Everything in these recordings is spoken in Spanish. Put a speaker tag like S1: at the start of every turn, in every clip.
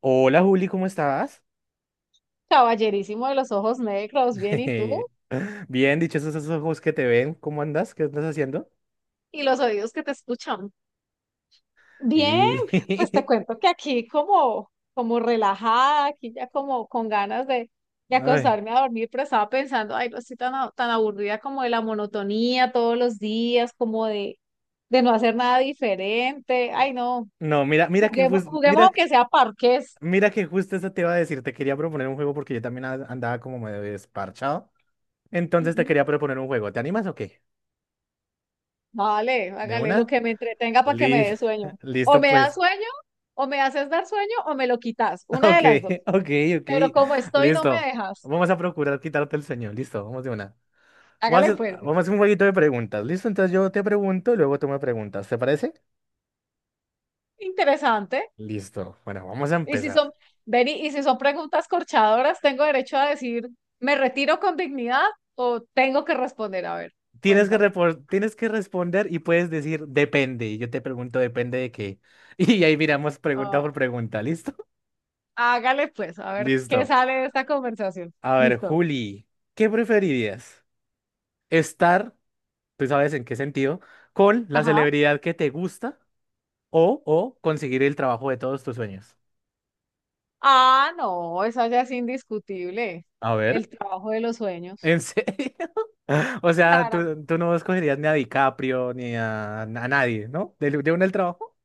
S1: Hola Juli, ¿cómo estás?
S2: Caballerísimo de los ojos negros, bien, ¿y tú?
S1: Bien, dichosos esos ojos que te ven, ¿cómo andas? ¿Qué estás haciendo?
S2: ¿Y los oídos que te escuchan? Bien, pues te
S1: Y...
S2: cuento que aquí como relajada, aquí ya como con ganas de, de
S1: Ay,
S2: acostarme a dormir, pero estaba pensando, ay, no estoy tan aburrida como de la monotonía todos los días, como de no hacer nada diferente. Ay, no,
S1: no, mira, mira que
S2: juguemos,
S1: justo,
S2: juguemos
S1: mira,
S2: aunque sea parques.
S1: mira que justo eso te iba a decir, te quería proponer un juego porque yo también andaba como medio desparchado. Entonces te
S2: Ujú.
S1: quería proponer un juego, ¿te animas o qué?
S2: Vale,
S1: ¿De
S2: hágale lo
S1: una?
S2: que me entretenga para que me
S1: Li-
S2: dé sueño. O
S1: Listo
S2: me da
S1: pues.
S2: sueño, o me haces dar sueño, o me lo quitas, una
S1: Ok,
S2: de las dos.
S1: ok, ok,
S2: Pero como estoy, no me
S1: listo.
S2: dejas.
S1: Vamos a procurar quitarte el sueño, listo, vamos de una. Vamos a
S2: Hágale
S1: hacer,
S2: pues.
S1: vamos a hacer un jueguito de preguntas, ¿listo? Entonces yo te pregunto y luego tú me preguntas, ¿te parece?
S2: Interesante.
S1: Listo. Bueno, vamos a
S2: Y si
S1: empezar.
S2: son, Beni, y si son preguntas corchadoras, ¿tengo derecho a decir: me retiro con dignidad, o tengo que responder? A ver,
S1: Tienes que,
S2: cuéntame.
S1: repor- tienes que responder y puedes decir depende. Y yo te pregunto depende de qué. Y ahí miramos pregunta por
S2: Ah,
S1: pregunta. ¿Listo?
S2: hágale pues, a ver qué
S1: Listo.
S2: sale de esta conversación.
S1: A ver,
S2: Listo.
S1: Juli, ¿qué preferirías? ¿Estar, tú sabes en qué sentido, con la
S2: Ajá.
S1: celebridad que te gusta o conseguir el trabajo de todos tus sueños?
S2: Ah, no, eso ya es indiscutible.
S1: A ver,
S2: El trabajo de los sueños.
S1: ¿en serio? O sea, tú no escogerías ni a DiCaprio ni a, a nadie, ¿no? ¿De uno el trabajo?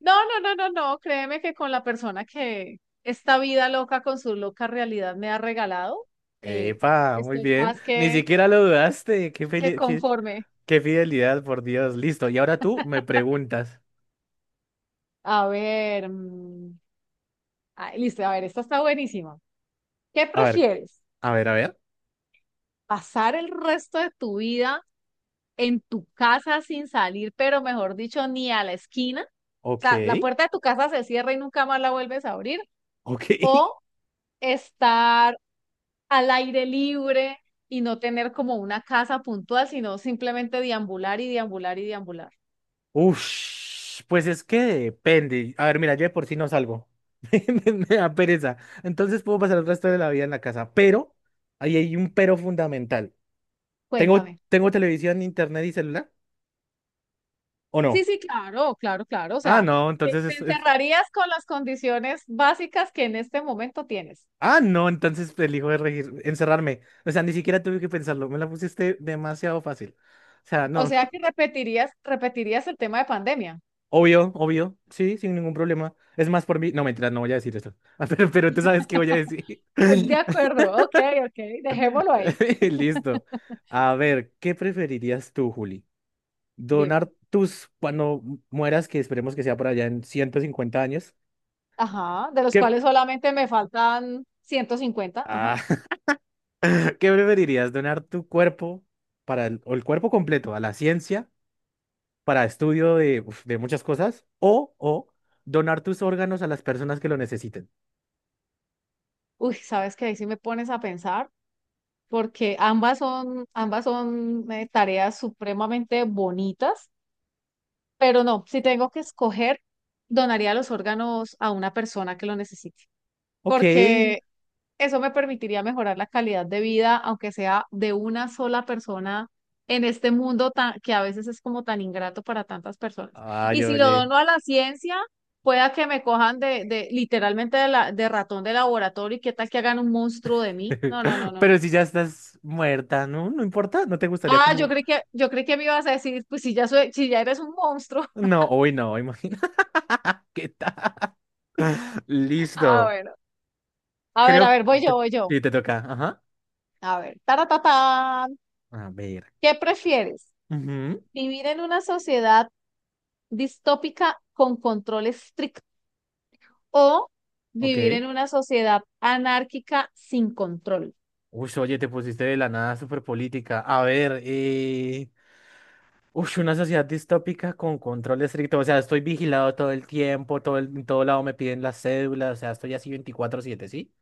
S2: No, no, no, no, no, créeme que con la persona que esta vida loca con su loca realidad me ha regalado, eh,
S1: Epa, muy
S2: estoy
S1: bien.
S2: más
S1: Ni
S2: que,
S1: siquiera lo dudaste. Qué
S2: que
S1: feli- qué,
S2: conforme.
S1: qué fidelidad, por Dios. Listo. Y ahora tú me preguntas.
S2: A ver, ah, listo, a ver, esta está buenísima. ¿Qué
S1: A ver,
S2: prefieres?
S1: a ver, a ver.
S2: ¿Pasar el resto de tu vida en tu casa sin salir, pero mejor dicho, ni a la esquina? O
S1: Ok,
S2: sea, la puerta de tu casa se cierra y nunca más la vuelves a abrir.
S1: ok.
S2: ¿O estar al aire libre y no tener como una casa puntual, sino simplemente deambular y deambular y deambular?
S1: Ush, pues es que depende. A ver, mira, yo de por sí no salgo. Me da pereza. Entonces puedo pasar el resto de la vida en la casa. Pero, ahí hay un pero fundamental. ¿Tengo,
S2: Cuéntame.
S1: tengo televisión, internet y celular? ¿O
S2: Sí,
S1: no?
S2: sí, claro, claro, claro. O
S1: Ah,
S2: sea,
S1: no,
S2: te
S1: entonces es
S2: encerrarías con las condiciones básicas que en este momento tienes.
S1: Ah, no, entonces elijo encerrarme. O sea, ni siquiera tuve que pensarlo. Me la pusiste demasiado fácil. O sea,
S2: O
S1: no.
S2: sea que repetirías, repetirías el tema de pandemia.
S1: Obvio, obvio. Sí, sin ningún problema. Es más, por mí. No, mentira, no voy a decir esto. Pero tú sabes qué voy a decir.
S2: De acuerdo, ok, ok, dejémoslo ahí.
S1: Listo. A ver, ¿qué preferirías tú, Juli?
S2: Dime.
S1: ¿Donar tus, cuando mueras, que esperemos que sea por allá en 150 años?
S2: Ajá, de los
S1: ¿Qué,
S2: cuales solamente me faltan 150. Ajá.
S1: ah, ¿qué preferirías? ¿Donar tu cuerpo o el cuerpo completo a la ciencia, para estudio de, uf, de muchas cosas, o donar tus órganos a las personas que lo necesiten?
S2: Uy, ¿sabes qué? Ahí sí me pones a pensar. Porque ambas son tareas supremamente bonitas, pero no, si tengo que escoger, donaría los órganos a una persona que lo necesite,
S1: Ok.
S2: porque eso me permitiría mejorar la calidad de vida, aunque sea de una sola persona en este mundo tan, que a veces es como tan ingrato para tantas personas. Y
S1: Ay,
S2: si lo
S1: oye.
S2: dono a la ciencia, pueda que me cojan de literalmente de ratón de laboratorio y qué tal que hagan un monstruo de mí. No, no, no, no,
S1: Pero
S2: no.
S1: si ya estás muerta, ¿no? No importa, ¿no te gustaría
S2: Ah, yo
S1: como...?
S2: creí que, yo creí que me ibas a decir, pues si ya soy, si ya eres un monstruo.
S1: No, hoy no, imagina qué tal.
S2: Ah,
S1: Listo.
S2: bueno. A
S1: Creo que
S2: ver, voy yo,
S1: te,
S2: voy yo.
S1: sí, te toca. Ajá.
S2: A ver, taratatán.
S1: A ver.
S2: ¿Qué prefieres?
S1: Ujú.
S2: ¿Vivir en una sociedad distópica con control estricto o vivir
S1: Ok.
S2: en una sociedad anárquica sin control?
S1: Uy, oye, te pusiste de la nada súper política. A ver, Uy, una sociedad distópica con control estricto. O sea, estoy vigilado todo el tiempo, en todo lado me piden las cédulas, o sea, estoy así 24/7, ¿sí?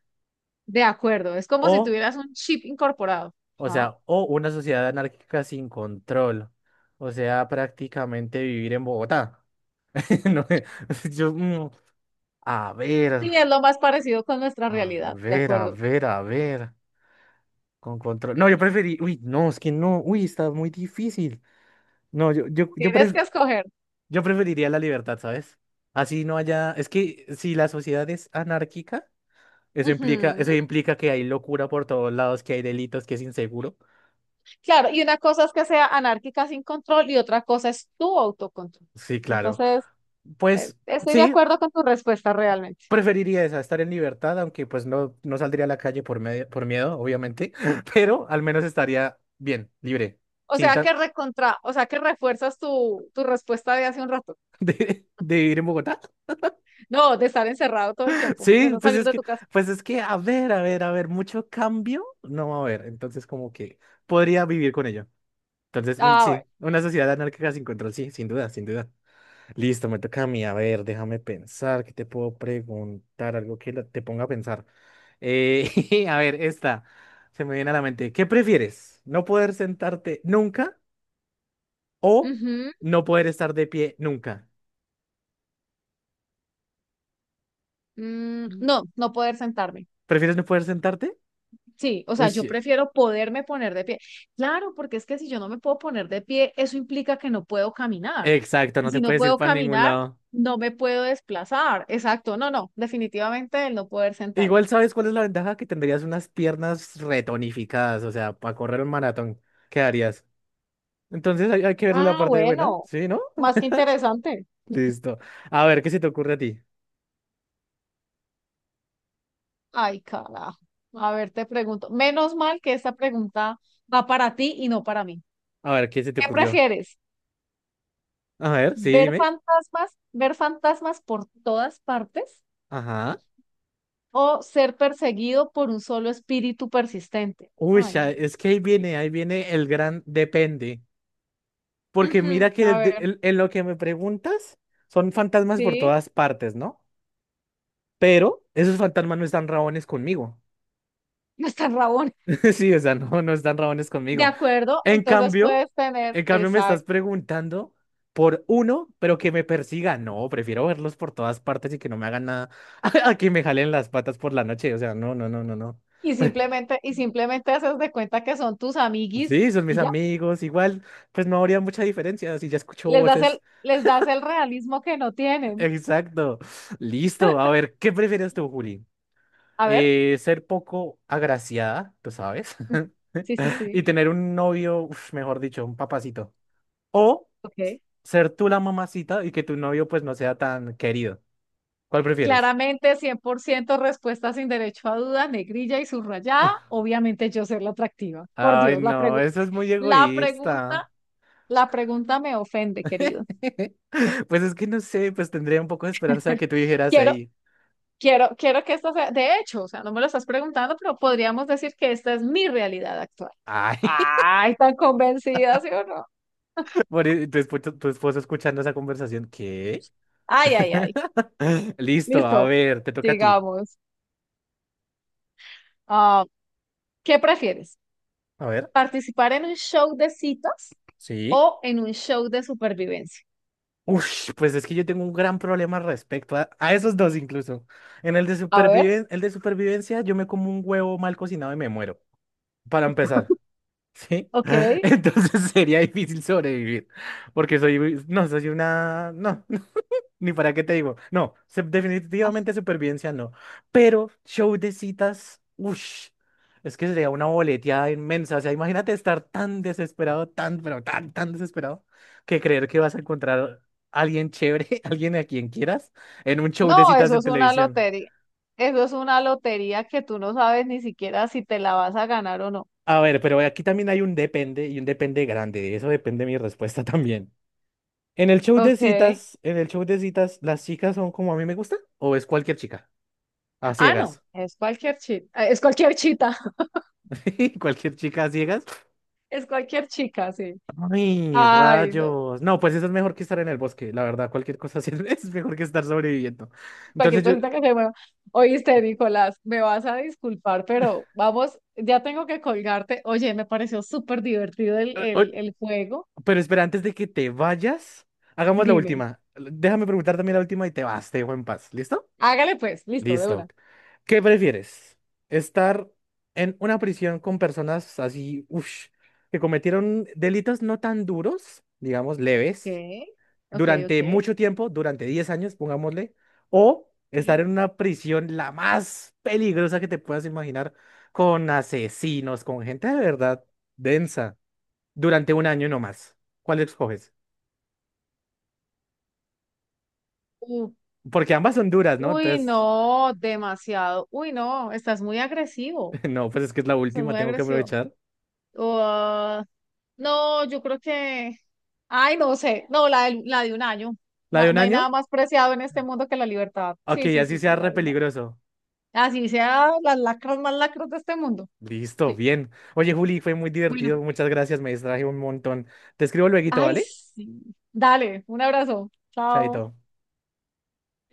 S2: De acuerdo, es como si
S1: O
S2: tuvieras un chip incorporado.
S1: o
S2: Ajá.
S1: sea, o una sociedad anárquica sin control. O sea, prácticamente vivir en Bogotá. No, yo, mm, a ver,
S2: Sí, es lo más parecido con nuestra
S1: a
S2: realidad, de
S1: ver, a
S2: acuerdo.
S1: ver, a ver. Con control. No, yo preferí. Uy, no, es que no. Uy, está muy difícil. No, yo,
S2: Tienes que escoger.
S1: yo preferiría la libertad, ¿sabes? Así no haya, es que si la sociedad es anárquica, eso implica,
S2: Ujú.
S1: eso implica que hay locura por todos lados, que hay delitos, que es inseguro.
S2: Claro, y una cosa es que sea anárquica sin control y otra cosa es tu autocontrol.
S1: Sí, claro.
S2: Entonces,
S1: Pues
S2: estoy de
S1: sí,
S2: acuerdo con tu respuesta realmente.
S1: preferiría esa, estar en libertad, aunque pues no, no saldría a la calle por miedo, obviamente, pero al menos estaría bien, libre,
S2: O
S1: sin
S2: sea
S1: tan
S2: que recontra, o sea que refuerzas tu respuesta de hace un rato.
S1: de vivir en Bogotá.
S2: No, de estar encerrado todo el tiempo, de
S1: Sí,
S2: no
S1: pues
S2: salir
S1: es
S2: de
S1: que,
S2: tu casa.
S1: a ver, a ver, a ver, mucho cambio no va a haber, entonces como que podría vivir con ello. Entonces,
S2: Ah, bueno.
S1: sí, una sociedad anárquica sin control, sí, sin duda, sin duda. Listo, me toca a mí. A ver, déjame pensar, ¿qué te puedo preguntar? Algo que te ponga a pensar. A ver, esta se me viene a la mente. ¿Qué prefieres? ¿No poder sentarte nunca o
S2: Ujú.
S1: no poder estar de pie nunca? Mm.
S2: No, no poder sentarme.
S1: ¿Prefieres no poder sentarte?
S2: Sí, o
S1: Uy,
S2: sea, yo
S1: sí,
S2: prefiero poderme poner de pie. Claro, porque es que si yo no me puedo poner de pie, eso implica que no puedo caminar.
S1: exacto,
S2: Y
S1: no te
S2: si no
S1: puedes ir
S2: puedo
S1: para ningún
S2: caminar,
S1: lado.
S2: no me puedo desplazar. Exacto, no, no, definitivamente el no poder sentarme.
S1: Igual, ¿sabes cuál es la ventaja? Que tendrías unas piernas retonificadas, o sea, para correr un maratón, ¿qué harías? Entonces hay que verle la
S2: Ah,
S1: parte buena,
S2: bueno,
S1: ¿sí, no?
S2: más que interesante.
S1: Listo. A ver, ¿qué se te ocurre a ti?
S2: Ay, carajo. A ver, te pregunto. Menos mal que esta pregunta va para ti y no para mí.
S1: A ver, ¿qué se te
S2: ¿Qué
S1: ocurrió?
S2: prefieres?
S1: A ver, sí, dime.
S2: Ver fantasmas por todas partes
S1: Ajá.
S2: o ser perseguido por un solo espíritu persistente?
S1: Uy,
S2: Ay,
S1: ya,
S2: no.
S1: es que ahí viene el gran depende. Porque
S2: Ujú.
S1: mira que
S2: A ver,
S1: en lo que me preguntas, son fantasmas por
S2: sí,
S1: todas partes, ¿no? Pero esos fantasmas no están rabones conmigo.
S2: no está rabón.
S1: Sí, o sea, no, no están rabones
S2: De
S1: conmigo.
S2: acuerdo,
S1: En
S2: entonces
S1: cambio,
S2: puedes tener,
S1: en cambio me estás
S2: exacto.
S1: preguntando por uno, pero que me persiga. No, prefiero verlos por todas partes y que no me hagan nada a que me jalen las patas por la noche. O sea, no, no, no, no, no.
S2: Y
S1: Pre-
S2: simplemente, y simplemente haces de cuenta que son tus amiguis
S1: Sí, son mis
S2: y ya.
S1: amigos. Igual, pues no habría mucha diferencia si ya escucho
S2: Les das el,
S1: voces.
S2: les das el realismo que no tienen.
S1: Exacto. Listo. A ver, ¿qué prefieres tú, Juli?
S2: A ver.
S1: Ser poco agraciada, tú sabes,
S2: Sí, sí,
S1: y
S2: sí.
S1: tener un novio, uf, mejor dicho, un papacito. O
S2: Ok.
S1: ser tú la mamacita y que tu novio pues no sea tan querido. ¿Cuál prefieres?
S2: Claramente, 100% respuesta sin derecho a duda, negrilla y subrayada. Obviamente yo ser la atractiva. Por
S1: Ay,
S2: Dios,
S1: no, eso es muy
S2: la pregunta
S1: egoísta.
S2: La pregunta me ofende, querido.
S1: Pues es que no sé, pues tendría un poco de esperanza de que tú dijeras,
S2: Quiero,
S1: hey,
S2: quiero, quiero que esto sea, de hecho, o sea, no me lo estás preguntando, pero podríamos decir que esta es mi realidad actual.
S1: ay,
S2: Ay, tan convencida, ¿sí o no?
S1: tu esposo escuchando esa conversación, ¿qué?
S2: Ay, ay, ay.
S1: Listo, a
S2: Listo,
S1: ver, te toca a ti.
S2: digamos. Ah, ¿qué prefieres?
S1: A ver,
S2: ¿Participar en un show de citas
S1: sí.
S2: o en un show de supervivencia?
S1: Uf, pues es que yo tengo un gran problema respecto a esos dos incluso. En el de
S2: A ver,
S1: superviven, el de supervivencia, yo me como un huevo mal cocinado y me muero, para empezar, ¿sí?
S2: ok.
S1: Entonces sería difícil sobrevivir, porque soy, muy- no, soy una, no, ni para qué te digo, no,
S2: Ah,
S1: definitivamente supervivencia no, pero show de citas, uff, es que sería una boleteada inmensa, o sea, imagínate estar tan desesperado, tan, pero tan, tan desesperado, que creer que vas a encontrar a alguien chévere, alguien a quien quieras, en un show de
S2: no,
S1: citas
S2: eso
S1: en
S2: es una
S1: televisión.
S2: lotería. Eso es una lotería que tú no sabes ni siquiera si te la vas a ganar o no.
S1: A ver, pero aquí también hay un depende y un depende grande, de eso depende mi respuesta también. En el show de
S2: Ok.
S1: citas, en el show de citas, ¿las chicas son como a mí me gusta? ¿O es cualquier chica? A
S2: Ah, no,
S1: ciegas.
S2: es cualquier chita,
S1: ¿Cualquier chica a ciegas?
S2: es cualquier chica, sí.
S1: Ay,
S2: Ay, no,
S1: rayos. No, pues eso es mejor que estar en el bosque, la verdad. Cualquier cosa así es mejor que estar sobreviviendo.
S2: cualquier
S1: Entonces yo...
S2: cosita que se mueva. Oíste, Nicolás, me vas a disculpar, pero vamos, ya tengo que colgarte. Oye, me pareció súper divertido el,
S1: eh, eh,
S2: el, el juego.
S1: pero espera, antes de que te vayas, hagamos la
S2: Dime,
S1: última. Déjame preguntar también la última y te vas, te dejo en paz. ¿Listo?
S2: hágale pues, listo, de
S1: Listo.
S2: una.
S1: ¿Qué prefieres? ¿Estar en una prisión con personas así, uff, que cometieron delitos no tan duros, digamos, leves,
S2: Ok, ok,
S1: durante
S2: ok.
S1: mucho tiempo, durante 10 años, pongámosle, o estar en
S2: Sí.
S1: una prisión, la más peligrosa que te puedas imaginar, con asesinos, con gente de verdad densa, durante 1 año nomás? ¿Cuál escoges?
S2: U-
S1: Porque ambas son duras, ¿no?
S2: uy,
S1: Entonces,
S2: no, demasiado. Uy, no, estás muy agresivo,
S1: no, pues es que es la
S2: estás
S1: última,
S2: muy
S1: tengo que
S2: agresivo.
S1: aprovechar.
S2: No, yo creo que, ay, no sé, no, la de un año.
S1: ¿La de
S2: Na-
S1: un
S2: no hay
S1: año?
S2: nada más preciado en este mundo que la libertad.
S1: Ok,
S2: Sí, sí,
S1: así
S2: sí,
S1: sea
S2: sí, la
S1: re
S2: de un año.
S1: peligroso.
S2: Así sea las lacras más lacras de este mundo.
S1: Listo,
S2: Sí.
S1: bien. Oye, Juli, fue muy
S2: Bueno,
S1: divertido. Muchas gracias, me distraje un montón. Te escribo lueguito,
S2: ay,
S1: ¿vale?
S2: sí. Dale, un abrazo. Chao.
S1: Chaito.